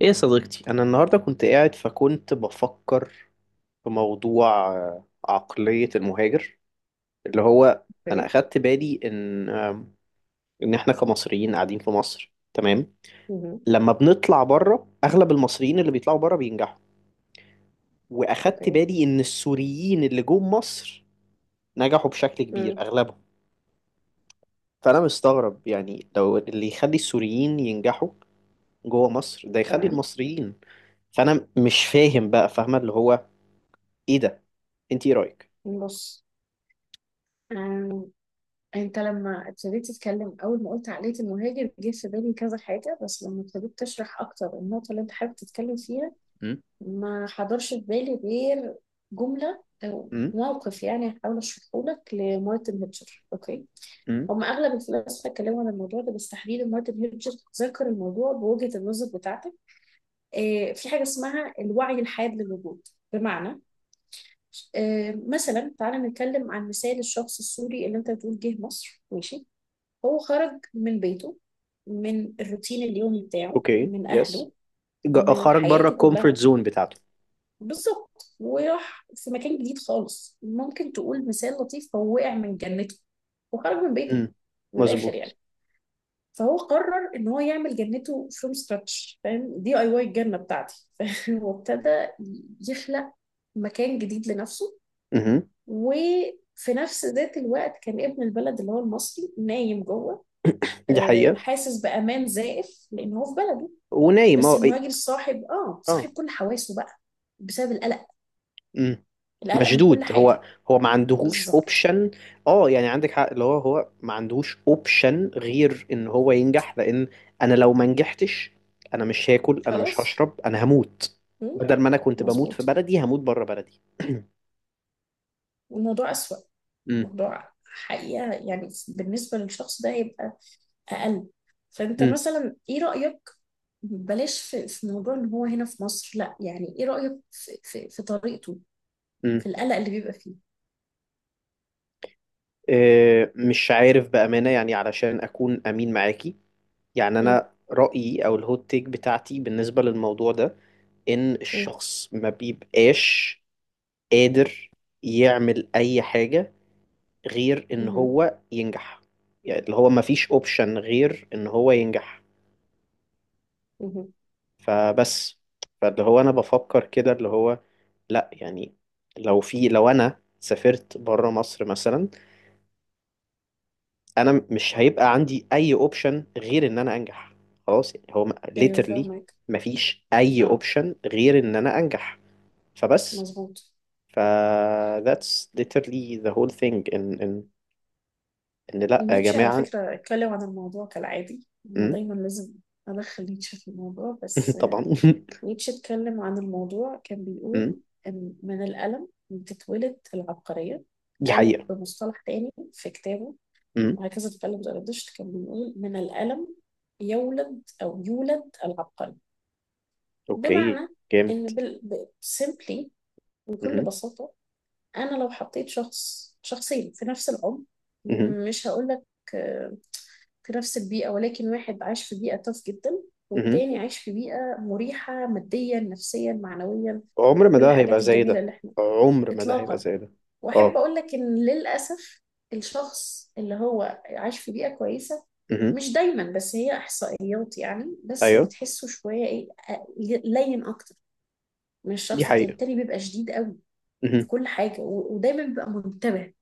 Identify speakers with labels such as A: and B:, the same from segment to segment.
A: ايه يا صديقتي، انا النهارده كنت قاعد فكنت بفكر في موضوع، عقلية المهاجر. اللي هو انا
B: اوكي.
A: اخدت بالي ان احنا كمصريين قاعدين في مصر، تمام.
B: مهم.
A: لما بنطلع بره، اغلب المصريين اللي بيطلعوا بره بينجحوا، واخدت
B: اوكي.
A: بالي ان السوريين اللي جم مصر نجحوا بشكل كبير
B: مم.
A: اغلبهم. فانا مستغرب، يعني لو اللي يخلي السوريين ينجحوا جوه مصر ده يخلي
B: تمام.
A: المصريين. فانا مش فاهم بقى، فاهمة؟ اللي هو ايه ده؟ انت ايه رأيك؟
B: بص، آم، انت لما ابتديت تتكلم اول ما قلت عقلية المهاجر جه في بالي كذا حاجة. بس لما ابتديت تشرح اكتر النقطة اللي انت حابب تتكلم فيها، ما حضرش في بالي غير جملة او
A: امم.
B: موقف. يعني هحاول اشرحه لك لمارتن هيتشر. اوكي.
A: امم.
B: هم اغلب الفلاسفه اتكلموا عن الموضوع ده، بس تحديدا مارتن هيتشر ذكر الموضوع بوجهة النظر بتاعتك. في حاجة اسمها الوعي الحاد للوجود. بمعنى مثلا، تعالى نتكلم عن مثال الشخص السوري اللي انت بتقول جه مصر. ماشي، هو خرج من بيته، من الروتين اليومي بتاعه،
A: اوكي.
B: من
A: يس.
B: اهله، من
A: خرج بره
B: حياته
A: الكومفورت
B: كلها.
A: زون بتاعته.
B: بالظبط. وراح في مكان جديد خالص. ممكن تقول مثال لطيف، هو وقع من جنته وخرج من بيته.
A: امم.
B: من الاخر
A: مظبوط.
B: يعني. فهو قرر ان هو يعمل جنته فروم سكراتش. فاهم؟ دي اي واي الجنه بتاعتي. فاهم. وابتدى يخلق مكان جديد لنفسه.
A: امم.
B: وفي نفس ذات الوقت كان ابن البلد اللي هو المصري نايم جوه،
A: دي حقيقة.
B: حاسس بأمان زائف لأن هو في بلده.
A: ونايم.
B: بس
A: اه، إيه.
B: المهاجر صاحب اه
A: اه.
B: صاحب كل حواسه بقى، بسبب القلق.
A: امم.
B: القلق من كل
A: مشدود
B: حاجة.
A: هو. هو ما عندهوش
B: بالظبط.
A: اوبشن. اه، يعني عندك حق. اللي هو هو ما عندهوش اوبشن غير ان هو ينجح، لان انا لو ما نجحتش، انا مش هاكل، انا مش
B: خلاص.
A: هشرب، انا هموت.
B: مم؟
A: بدل ما انا كنت بموت في
B: مظبوط.
A: بلدي، هموت بره بلدي.
B: الموضوع أسوأ.
A: امم.
B: موضوع حقيقة يعني، بالنسبة للشخص ده هيبقى أقل. فأنت
A: امم.
B: مثلا إيه رأيك؟ بلاش في موضوع إن هو هنا في مصر، لا. يعني إيه رأيك في طريقته،
A: امم.
B: في القلق اللي بيبقى فيه؟
A: مش عارف بأمانة، يعني علشان أكون أمين معاكي، يعني
B: مم.
A: انا رأيي او الهوت تيك بتاعتي بالنسبة للموضوع ده ان
B: مم.
A: الشخص ما بيبقاش قادر يعمل اي حاجة غير ان
B: مهم.
A: هو ينجح. يعني اللي هو ما فيش اوبشن غير ان هو ينجح.
B: مهم.
A: فبس. فاللي هو انا بفكر كده، اللي هو لا يعني، لو انا سافرت بره مصر مثلا انا مش هيبقى عندي اي اوبشن غير ان انا انجح. خلاص يعني، هو
B: ايوه
A: ليترلي
B: فاهمك.
A: مفيش اي
B: اه.
A: اوبشن غير ان انا انجح. فبس.
B: مظبوط.
A: ف that's literally the whole thing. إن لأ يا
B: نيتشه على
A: جماعة.
B: فكرة اتكلم عن الموضوع، كالعادي انا
A: أمم،
B: دايما لازم ادخل نيتشه في الموضوع. بس
A: طبعا.
B: نيتشه اتكلم عن الموضوع، كان
A: أمم.
B: بيقول ان من الألم بتتولد العبقرية.
A: دي
B: او
A: حقيقة.
B: بمصطلح تاني في كتابه
A: أمم.
B: وهكذا اتكلم زرادشت، كان بيقول من الألم يولد او يولد العبقري.
A: أوكي.
B: بمعنى
A: جامد.
B: ان simply، بكل
A: أمم.
B: بساطة، انا لو حطيت شخص شخصين في نفس العمر،
A: أمم.
B: مش هقولك آه، في نفس البيئة، ولكن واحد عايش في بيئة تاف جدا،
A: أمم.
B: والتاني عايش في بيئة مريحة ماديا نفسيا معنويا.
A: عمر ما
B: كل
A: ده هيبقى
B: الحاجات
A: زي
B: الجميلة
A: ده.
B: اللي احنا.
A: عمر ما ده هيبقى
B: اطلاقا.
A: زي ده.
B: واحب
A: أه.
B: اقول لك ان للاسف الشخص اللي هو عايش في بيئة كويسة،
A: أمم.
B: مش دايما بس هي احصائيات يعني، بس
A: أيوه.
B: بتحسه شوية ايه آه، لين اكتر من
A: دي
B: الشخص التاني
A: حقيقة.
B: التاني بيبقى شديد قوي في
A: أمم.
B: كل حاجة، ودايما بيبقى منتبه.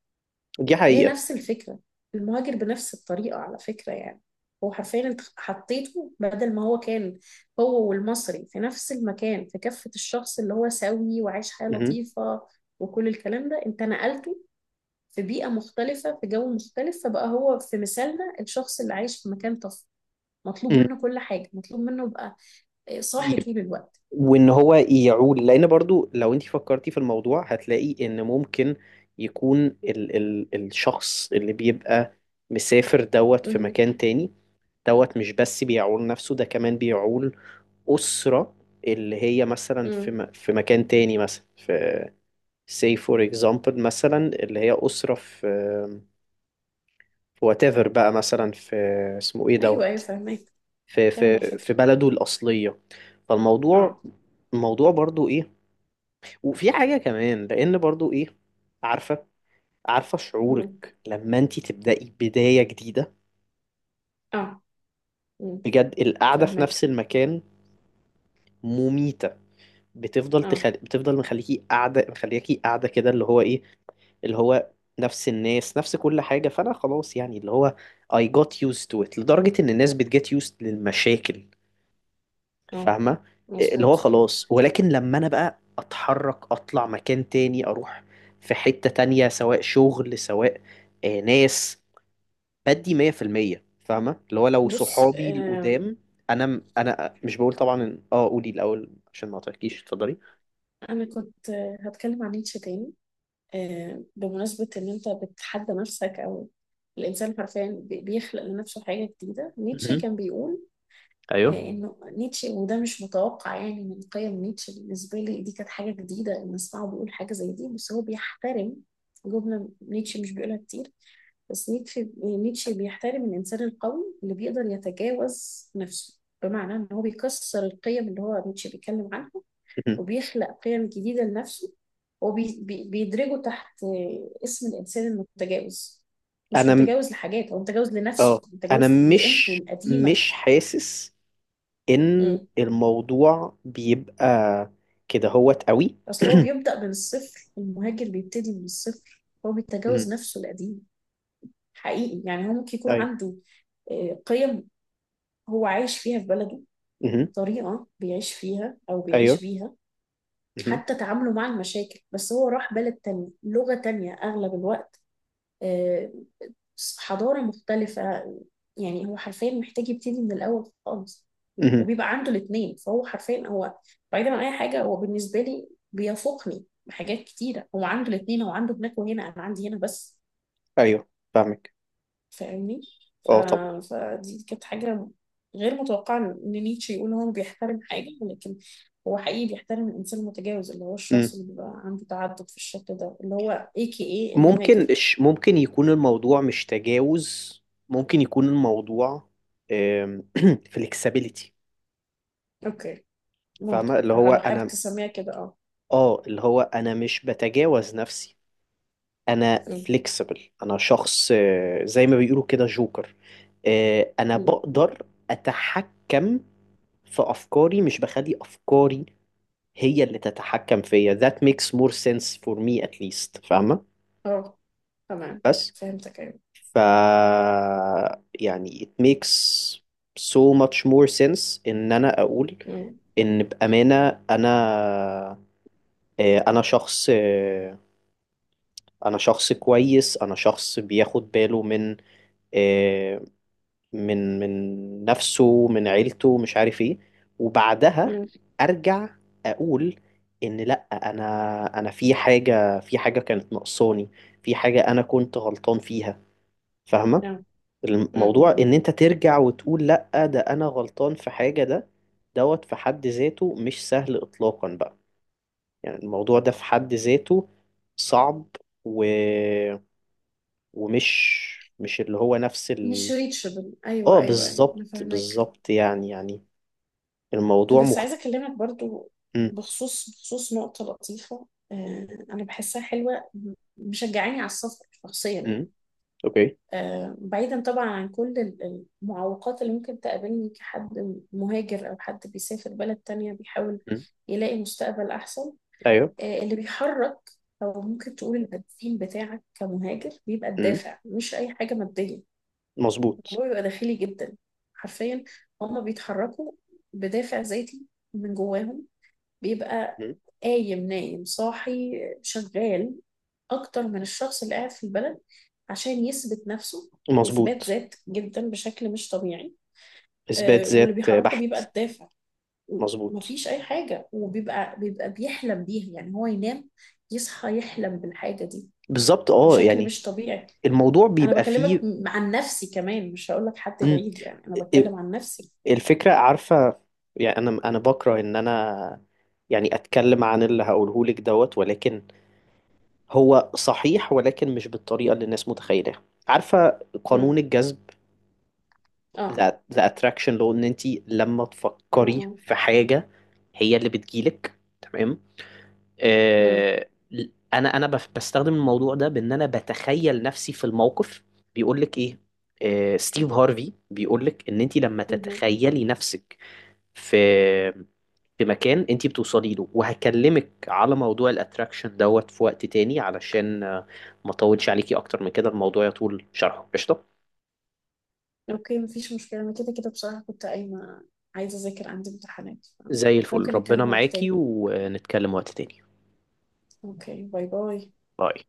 A: دي
B: هي
A: حقيقة.
B: نفس الفكرة. المهاجر بنفس الطريقة على فكرة يعني، هو حرفيا انت حطيته. بدل ما هو كان هو والمصري في نفس المكان، في كفة الشخص اللي هو سوي وعايش حياة
A: أمم.
B: لطيفة وكل الكلام ده، انت نقلته في بيئة مختلفة، في جو مختلف. فبقى هو في مثالنا الشخص اللي عايش في مكان طفل، مطلوب منه كل حاجة، مطلوب منه يبقى
A: أمم.
B: صاحي طول الوقت.
A: وان هو يعول، لان برضو لو انت فكرتي في الموضوع هتلاقي ان ممكن يكون ال الشخص اللي بيبقى مسافر دوت في
B: مه.
A: مكان تاني. دوت مش بس بيعول نفسه، ده كمان بيعول أسرة، اللي هي مثلا في
B: مه.
A: في مكان تاني، مثلا في say for example، مثلا اللي هي أسرة في whatever بقى، مثلا في اسمه ايه
B: ايوه ايوه
A: دوت
B: فاهمك.
A: في
B: فاهمة
A: في
B: الفكرة.
A: في بلده الأصلية. فالموضوع
B: اه.
A: الموضوع برضو ايه. وفي حاجة كمان، لأن برضو إيه، عارفة عارفة
B: مه.
A: شعورك لما أنت تبدأي بداية جديدة؟
B: اه. مه.
A: بجد القعدة في نفس
B: فاهمك.
A: المكان مميتة.
B: اه.
A: بتفضل مخليكي قاعدة، كده. اللي هو إيه؟ اللي هو نفس الناس، نفس كل حاجة. فأنا خلاص يعني، اللي هو I got used to it، لدرجة إن الناس بتجت used للمشاكل.
B: اه.
A: فاهمة؟ اللي
B: مظبوط.
A: هو خلاص، ولكن لما أنا بقى أتحرك، أطلع مكان تاني، أروح في حتة تانية، سواء شغل، سواء ناس، بدي 100%. فاهمة اللي هو؟ لو
B: بص،
A: صحابي القدام، أنا مش بقول طبعا إن- أه قولي الأول عشان ما أعطيكيش، اتفضلي.
B: أنا كنت هتكلم عن نيتشه تاني. بمناسبة إن أنت بتحدى نفسك، أو الإنسان حرفيا بيخلق لنفسه حاجة جديدة. نيتشه
A: مهم.
B: كان بيقول
A: ايوه.
B: إنه، نيتشه وده مش متوقع يعني من قيم نيتشه، بالنسبة لي دي كانت حاجة جديدة إن أسمعه بيقول حاجة زي دي. بس هو بيحترم، جملة نيتشه مش بيقولها كتير. بس نيتشه بيحترم الإنسان القوي اللي بيقدر يتجاوز نفسه. بمعنى إن هو بيكسر القيم اللي هو نيتشه بيتكلم عنها،
A: مهم.
B: وبيخلق قيم جديدة لنفسه. وبيدرجه تحت اسم الإنسان المتجاوز. مش
A: أنا م-
B: متجاوز لحاجات، هو متجاوز لنفسه،
A: أه أنا
B: متجاوز لقيمته
A: مش
B: القديمة.
A: مش حاسس إن
B: مم.
A: الموضوع بيبقى كده هوت قوي.
B: أصل هو بيبدأ من الصفر. المهاجر بيبتدي من الصفر، هو
A: أيوه.
B: بيتجاوز نفسه القديم. حقيقي يعني، هو ممكن يكون
A: أيوه.
B: عنده قيم هو عايش فيها في بلده.
A: مهم.
B: طريقة بيعيش فيها أو بيعيش
A: أيوه.
B: بيها،
A: مهم.
B: حتى تعامله مع المشاكل. بس هو راح بلد تانية، لغة تانية أغلب الوقت، آه، حضارة مختلفة. يعني هو حرفيا محتاج يبتدي من الأول خالص.
A: مهم.
B: وبيبقى عنده الاتنين. فهو حرفيا هو، بعيدا عن أي حاجة، هو بالنسبة لي بيفوقني بحاجات كتيرة. هو عنده الاتنين، هو عنده هناك وهنا، أنا عندي هنا بس.
A: ايوه فاهمك.
B: فاهمني. ف...
A: اه طبعا.
B: فدي كانت حاجة غير متوقعة، إن نيتشه يقول هو بيحترم حاجة. ولكن هو حقيقي بيحترم الإنسان المتجاوز اللي هو
A: مم.
B: الشخص اللي بيبقى عنده تعدد في الشكل ده، اللي هو اي كي اي المهاجر.
A: ممكن يكون الموضوع مش تجاوز، ممكن يكون الموضوع فليكسبيليتي.
B: اوكي. ممكن،
A: فاهمه اللي هو
B: لو حابب
A: انا.
B: تسميها كده، اه.
A: اه اللي هو انا مش بتجاوز نفسي. انا
B: مم.
A: فليكسبل. انا شخص، زي ما بيقولوا كده، جوكر. انا
B: مم.
A: بقدر اتحكم في افكاري، مش بخلي افكاري هي اللي تتحكم فيا. that makes more sense for me at least. فاهمه؟
B: اه. تمام.
A: بس.
B: فهمتك. ايوه.
A: ف يعني it makes so much more sense ان انا اقول
B: مم.
A: ان بامانه انا، انا شخص، انا شخص كويس. انا شخص بياخد باله من، آه، من من نفسه، من عيلته، مش عارف ايه. وبعدها
B: مم.
A: ارجع اقول ان لا، انا في حاجه، في حاجه كانت ناقصاني، في حاجه انا كنت غلطان فيها. فاهمه؟
B: نعم. مم. مم.
A: الموضوع
B: مم.
A: ان انت ترجع وتقول لا، ده انا غلطان في حاجة. ده دوت في حد ذاته مش سهل اطلاقا بقى. يعني الموضوع ده في حد ذاته صعب و... ومش مش اللي هو نفس
B: مش ريتشبل. ايوه
A: اه،
B: ايوه ايوه انا
A: بالظبط،
B: فاهمك.
A: بالظبط، يعني، الموضوع
B: بس عايزه اكلمك برضو
A: م.
B: بخصوص نقطه لطيفه. آه انا بحسها حلوه، مشجعاني على السفر شخصيا
A: م.
B: يعني.
A: اوكي.
B: بعيدا طبعا عن كل المعوقات اللي ممكن تقابلني كحد مهاجر او حد بيسافر بلد تانية بيحاول
A: م.
B: يلاقي مستقبل احسن.
A: ايوه.
B: اللي بيحرك او ممكن تقول البنزين بتاعك كمهاجر بيبقى
A: م.
B: الدافع، مش اي حاجه ماديه.
A: مظبوط.
B: الموضوع بيبقى داخلي جدا. حرفيا. هما بيتحركوا بدافع ذاتي من جواهم. بيبقى
A: م.
B: قايم نايم صاحي شغال اكتر من الشخص اللي قاعد في البلد، عشان يثبت نفسه. اثبات
A: مظبوط.
B: ذات جدا بشكل مش طبيعي.
A: اثبات
B: واللي
A: ذات
B: بيحركه
A: بحت.
B: بيبقى الدافع.
A: مظبوط.
B: مفيش اي حاجه. وبيبقى بيحلم بيها يعني. هو ينام يصحى يحلم بالحاجه دي
A: بالظبط. اه
B: بشكل
A: يعني
B: مش طبيعي.
A: الموضوع
B: انا
A: بيبقى
B: بكلمك
A: فيه.
B: عن نفسي كمان، مش هقول لك حد
A: م.
B: بعيد يعني، انا بتكلم عن نفسي.
A: الفكرة، عارفة؟ يعني أنا بكره إن أنا يعني أتكلم عن اللي هقوله لك دوت. ولكن هو صحيح، ولكن مش بالطريقة اللي الناس متخيلة. عارفة قانون
B: امم.
A: الجذب؟
B: اه. اه.
A: the attraction law. إن أنت لما تفكري
B: امم.
A: في حاجة هي اللي بتجيلك، تمام؟
B: امم.
A: آه أنا بستخدم الموضوع ده بإن أنا بتخيل نفسي في الموقف. بيقول لك إيه؟ ستيف هارفي بيقول لك إن أنت لما
B: مهم.
A: تتخيلي نفسك في مكان انتي بتوصلي له. وهكلمك على موضوع الاتراكشن دوت في وقت تاني، علشان ما اطولش عليكي اكتر من كده، الموضوع يطول شرحه. قشطة.
B: اوكي مفيش مشكله. انا كده كده بصراحه كنت قايمه، عايزه اذاكر، عندي امتحانات.
A: زي الفل.
B: ممكن
A: ربنا
B: نتكلم وقت
A: معاكي
B: تاني.
A: ونتكلم وقت تاني.
B: اوكي باي باي.
A: باي.